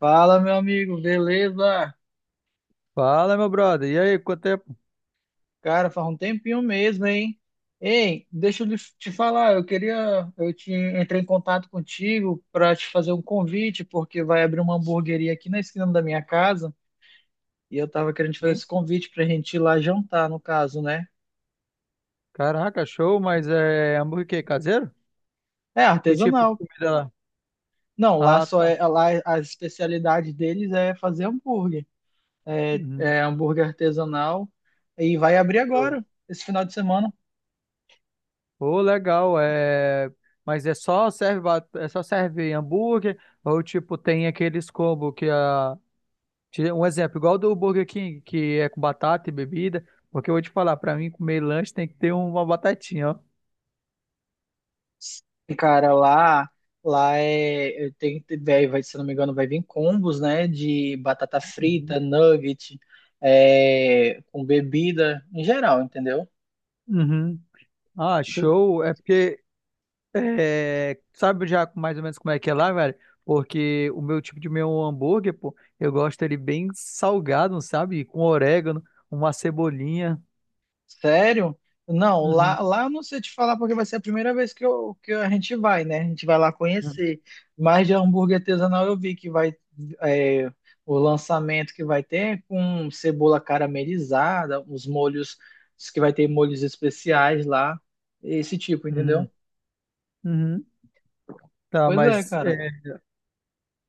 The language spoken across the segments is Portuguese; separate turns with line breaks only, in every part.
Fala, meu amigo, beleza?
Fala, meu brother. E aí, quanto tempo?
Cara, faz um tempinho mesmo, hein? Ei, deixa eu te falar, eu te entrei em contato contigo para te fazer um convite, porque vai abrir uma hamburgueria aqui na esquina da minha casa, e eu tava querendo te fazer
Sim.
esse convite pra gente ir lá jantar, no caso, né?
Caraca, show, mas é hambúrguer caseiro?
É
Que tipo de
artesanal.
comida lá?
Não,
Ah, tá.
lá a especialidade deles é fazer hambúrguer. É,
Uhum.
é hambúrguer artesanal e vai abrir
Show.
agora, esse final de semana.
Pô, legal. Mas é só serve hambúrguer ou tipo tem aqueles combo um exemplo, igual do Burger King, que é com batata e bebida, porque eu vou te falar, pra mim comer lanche tem que ter uma batatinha, ó.
Cara, lá, lá é, eu tenho se não me engano, vai vir combos, né, de batata
Uhum.
frita, nugget, é, com bebida, em geral, entendeu?
Uhum. Ah, show. É porque É, sabe já mais ou menos como é que é lá, velho? Porque o meu tipo de meu hambúrguer, pô, eu gosto ele bem salgado, sabe? Com orégano, uma cebolinha.
Sério? Não,
Uhum,
lá eu não sei te falar porque vai ser a primeira vez que a gente vai, né? A gente vai lá
uhum,
conhecer. Mas de hambúrguer artesanal eu vi que vai, é, o lançamento que vai ter é com cebola caramelizada, os molhos, diz que vai ter molhos especiais lá, esse tipo,
uhum,
entendeu?
uhum. Tá,
Pois é, cara.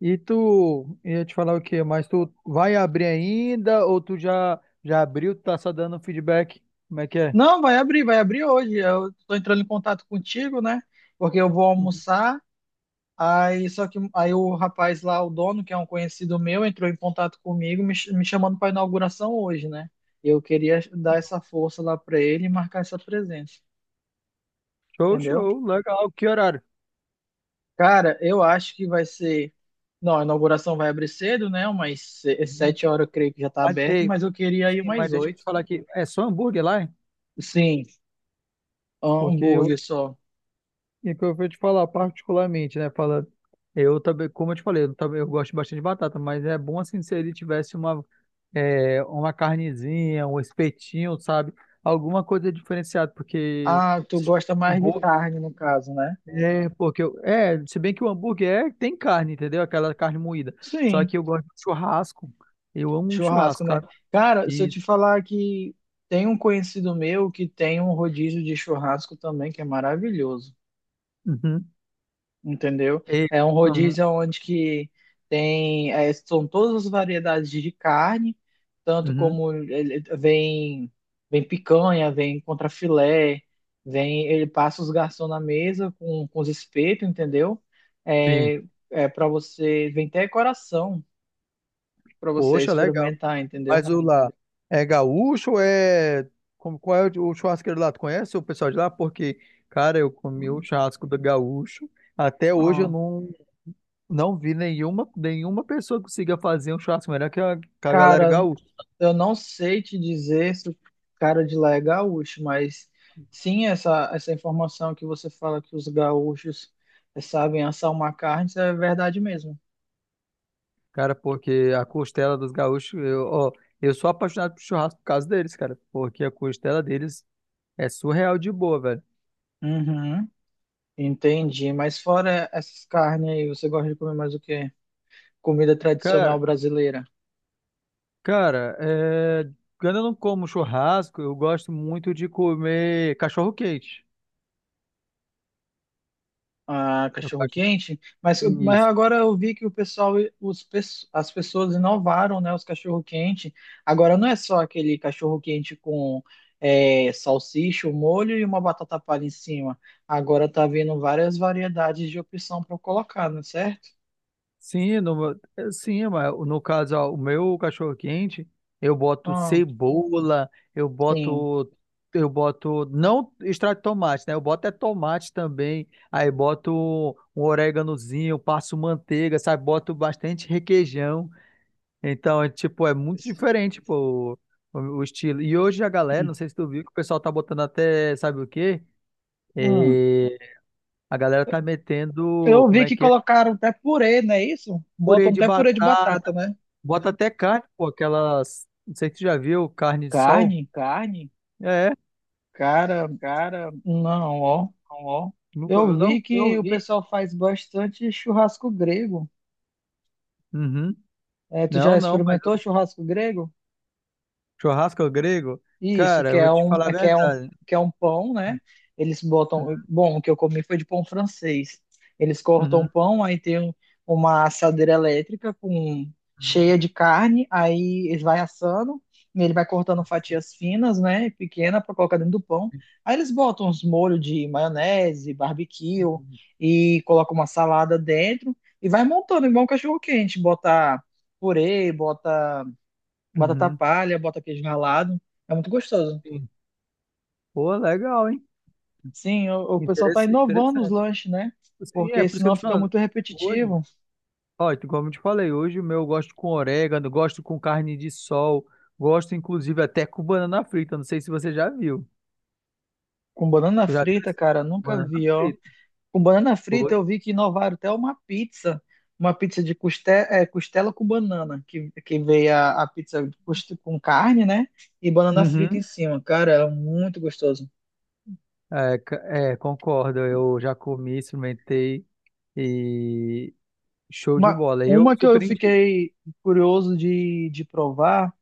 e tu ia te falar o quê? Mas tu vai abrir ainda ou tu já abriu, tá só dando feedback? Como é que é?
Não, vai abrir hoje. Eu tô entrando em contato contigo, né? Porque eu vou
Uhum.
almoçar. Aí, só que aí o rapaz lá, o dono, que é um conhecido meu, entrou em contato comigo, me chamando para inauguração hoje, né? Eu queria dar essa força lá para ele e marcar essa presença,
Show,
entendeu?
show, legal. Que horário?
Cara, eu acho que vai ser. Não, a inauguração vai abrir cedo, né? Umas
Uhum.
sete horas, eu creio que já tá
Mas,
aberto,
ei,
mas eu queria ir
sim, mas
umas
deixa eu te
oito.
falar aqui, é só hambúrguer lá, hein?
Sim,
Porque eu
hambúrguer só.
E é o que eu vou te falar particularmente, né? Fala, eu também, como eu te falei, eu gosto bastante de batata, mas é bom assim se ele tivesse uma carnezinha, um espetinho, sabe? Alguma coisa diferenciada, porque
Ah, tu gosta mais de
hambúrguer
carne, no caso, né?
é, se bem que o hambúrguer tem carne, entendeu? Aquela carne moída. Só
Sim.
que eu gosto de churrasco. Eu amo um
Churrasco,
churrasco,
né?
sabe?
Cara, se eu
E,
te falar que tem um conhecido meu que tem um rodízio de churrasco também, que é maravilhoso,
uhum,
entendeu?
e,
É um
uhum,
rodízio onde que tem, é, são todas as variedades de carne,
uhum.
vem, vem picanha, vem contrafilé, vem, ele passa os garçons na mesa com os espetos, entendeu?
Sim.
É, é para você, vem até coração para você
Poxa, legal.
experimentar, entendeu?
Mas o lá é gaúcho ou é. Como, qual é o churrasqueiro lá? Tu conhece o pessoal de lá? Porque, cara, eu comi o churrasco do gaúcho. Até hoje eu
Ah.
não, não vi nenhuma, nenhuma pessoa que consiga fazer um churrasco melhor que que a galera
Cara,
gaúcha.
eu não sei te dizer se o cara de lá é gaúcho, mas sim, essa informação que você fala que os gaúchos, sabem assar uma carne, isso é verdade mesmo.
Cara, porque a costela dos gaúchos, eu, ó, eu sou apaixonado por churrasco por causa deles, cara. Porque a costela deles é surreal de boa, velho.
Uhum, entendi. Mas fora essas carnes aí, você gosta de comer mais o quê? Comida tradicional
Cara,
brasileira.
cara, quando eu não como churrasco, eu gosto muito de comer cachorro-quente.
A cachorro-quente, mas
Isso.
agora eu vi que o pessoal, as pessoas inovaram, né, os cachorro-quente. Agora não é só aquele cachorro-quente com, é, salsicha, o molho e uma batata palha em cima. Agora tá vindo várias variedades de opção para colocar, não é certo?
Sim, no, sim, mas no caso, ó, o meu cachorro quente, eu boto
Ah,
cebola, eu
sim.
boto, eu boto, não extrato de tomate, né? Eu boto é tomate também, aí boto um oréganozinho, passo manteiga, sabe? Boto bastante requeijão. Então, é, tipo, é muito diferente, pô, o estilo. E hoje a galera, não sei se tu viu, que o pessoal tá botando até, sabe o quê?
Hum.
É, a galera tá metendo,
Eu
como
vi
é
que
que é?
colocaram até purê, não é isso?
Purê
Botam
de
até purê de
batata.
batata, né?
Bota até carne, pô, aquelas. Não sei se tu já viu carne de sol.
Carne?
Carne, é,
Cara,
cara,
não, ó.
ó. Nunca
Eu
viu, não?
vi que
Eu
o
vi.
pessoal faz bastante churrasco grego.
Uhum.
É, tu
Não,
já
não, mas
experimentou
o
churrasco grego?
churrasco é grego,
Isso,
cara, eu vou te falar a verdade.
que é um pão, né? Eles botam. Bom, o que eu comi foi de pão francês. Eles cortam o
Uhum.
pão, aí tem uma assadeira elétrica com, cheia de carne, aí eles vai assando, e ele vai cortando fatias finas, né? Pequena para colocar dentro do pão. Aí eles botam uns molhos de maionese, barbecue
Uhum.
e colocam uma salada dentro e vai montando igual um cachorro quente, bota purê, bota batata
Uhum.
palha, bota queijo ralado. É muito gostoso.
Sim. Pô, legal, hein?
Sim, o pessoal tá
Interess-
inovando os
Interessante.
lanches, né?
Sim, é
Porque
por isso que eu tô
senão
te
fica
falando.
muito
Hoje,
repetitivo.
ó, como eu te falei, hoje o meu, eu gosto com orégano, gosto com carne de sol, gosto inclusive até com banana frita. Não sei se você já viu.
Com banana
Tu já viu
frita,
esse?
cara, nunca
Banana
vi, ó.
frita.
Com banana frita
Foi?
eu vi que inovaram até uma pizza. Uma pizza de costela com banana, que veio a pizza de com carne, né? E banana frita em
Uhum.
cima. Cara, era muito gostoso.
É, c- concordo. Eu já comi, experimentei e show de bola. Eu
Uma que eu
surpreendi.
fiquei curioso de provar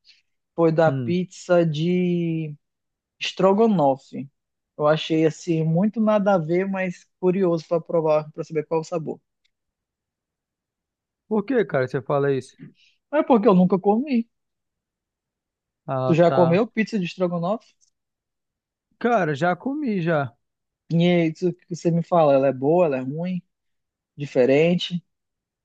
foi da
Hum.
pizza de estrogonofe. Eu achei assim muito nada a ver, mas curioso para provar, para saber qual o sabor.
Por que, cara, você fala isso?
Mas é porque eu nunca comi. Tu
Ah,
já
tá.
comeu pizza de estrogonofe?
Cara, já comi já.
E é isso que você me fala, ela é boa, ela é ruim, diferente.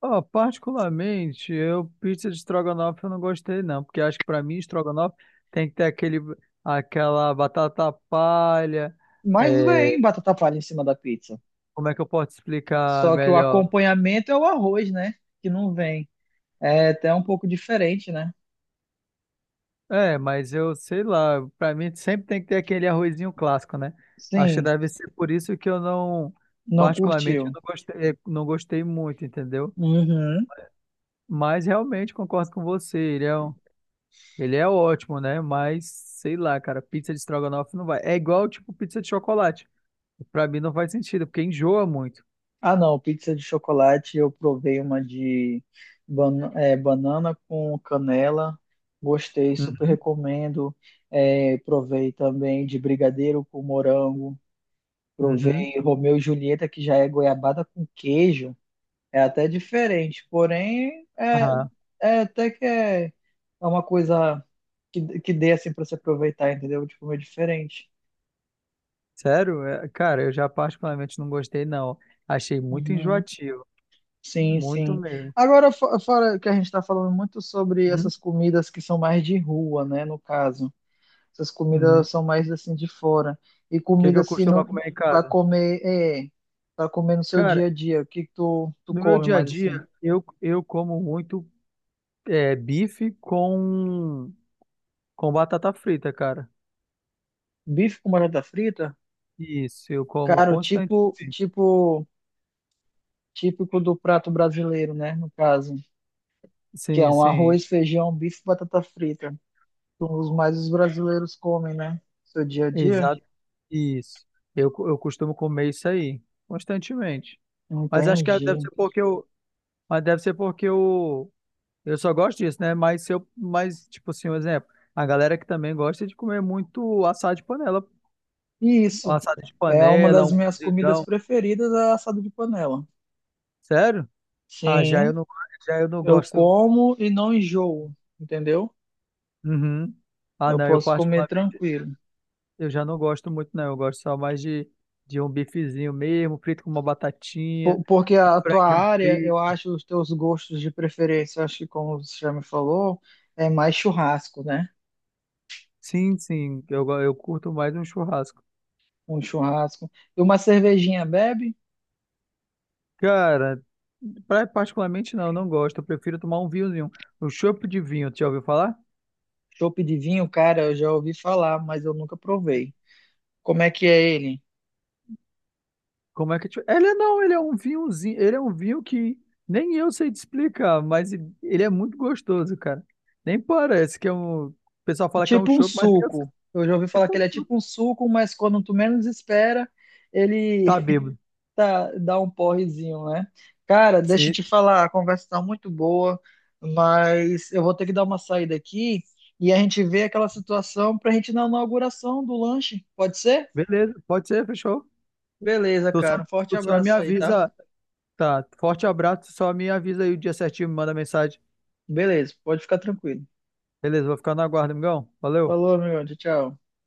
Ó, particularmente, eu pizza de estrogonofe eu não gostei não, porque acho que pra mim estrogonofe tem que ter aquele aquela batata palha.
Mas
é,
vem batata palha em cima da pizza.
Como é que eu posso explicar
Só que o
melhor?
acompanhamento é o arroz, né? Que não vem. É até um pouco diferente, né?
É, mas eu sei lá, pra mim sempre tem que ter aquele arrozinho clássico, né? Acho que
Sim,
deve ser por isso que eu
não
particularmente, eu
curtiu.
não gostei, não gostei muito, entendeu?
Uhum.
Mas realmente concordo com você, ele é ótimo, né? Mas sei lá, cara, pizza de estrogonofe não vai. É igual, tipo, pizza de chocolate. Pra mim não faz sentido, porque enjoa muito.
Ah, não, pizza de chocolate eu provei uma de banana com canela, gostei, super
Uhum,
recomendo. É, provei também de brigadeiro com morango,
uhum.
provei Romeu e Julieta, que já é goiabada com queijo, é até diferente, porém é,
Aham.
é até que é, é uma coisa que dê assim para se aproveitar, entendeu? De comer diferente.
Sério? É, cara, eu já particularmente não gostei, não. Achei muito
Uhum.
enjoativo,
Sim,
muito
sim.
mesmo.
Agora, fora que a gente está falando muito sobre
Uhum.
essas comidas que são mais de rua, né? No caso, essas
Uhum.
comidas são mais assim de fora. E
O que que
comida
eu
assim
costumo comer em
para
casa?
comer, é, para comer no seu
Cara,
dia a dia. O que que tu
no meu
come
dia a
mais assim?
dia, eu como muito bife com batata frita, cara.
Bife com batata frita?
Isso, eu como
Cara,
constantemente.
tipo, típico do prato brasileiro, né? No caso, que é
Sim,
um
sim,
arroz, feijão, bife, e batata frita. Os mais os brasileiros comem, né? Seu dia a dia.
exato. Isso. Eu costumo comer isso aí, constantemente. Mas acho que deve
Entendi.
ser porque eu, mas deve ser porque eu só gosto disso, né? Mas se eu, mas, tipo assim, um exemplo, a galera que também gosta de comer muito assado de panela,
E
um
isso
assado de
é uma
panela,
das
um
minhas comidas
cozidão.
preferidas, é assado de panela.
Sério? Ah, já
Sim,
eu não, já eu não
eu
gosto.
como e não enjoo, entendeu?
Uhum. Ah,
Eu
não, eu
posso comer
particularmente
tranquilo.
eu já não gosto muito, não. Eu gosto só mais de um bifezinho mesmo, frito com uma batatinha,
Porque
um
a tua
franguinho
área, eu
frito.
acho os teus gostos de preferência, acho que como você já me falou, é mais churrasco, né?
Eu curto mais um churrasco.
Um churrasco. E uma cervejinha bebe?
Cara, particularmente não, eu não gosto. Eu prefiro tomar um vinhozinho, um chopp de vinho. Tu já ouviu falar?
Chopp de vinho, cara, eu já ouvi falar, mas eu nunca provei. Como é que é ele?
Como é que. Tu- Ele é- Não, ele é um vinhozinho, ele é um vinho que nem eu sei te explicar, mas ele é muito gostoso, cara. Nem parece que é um. O pessoal fala que é um
Tipo um
chopp, mas nem eu.
suco. Eu já ouvi falar que
Tipo,
ele é tipo um suco, mas quando tu menos espera, ele
tá bêbado.
tá, dá um porrezinho, né? Cara, deixa eu
Sim.
te falar, a conversa tá muito boa, mas eu vou ter que dar uma saída aqui e a gente vê aquela situação pra gente ir na inauguração do lanche. Pode ser?
Beleza, pode ser, fechou.
Beleza,
Tu só,
cara. Um forte
tu só me
abraço aí, tá?
avisa. Tá, forte abraço, tu só me avisa aí o dia certinho, me manda mensagem.
Beleza, pode ficar tranquilo.
Beleza, vou ficar na guarda, amigão. Valeu.
Falou, meu. Tchau, tchau.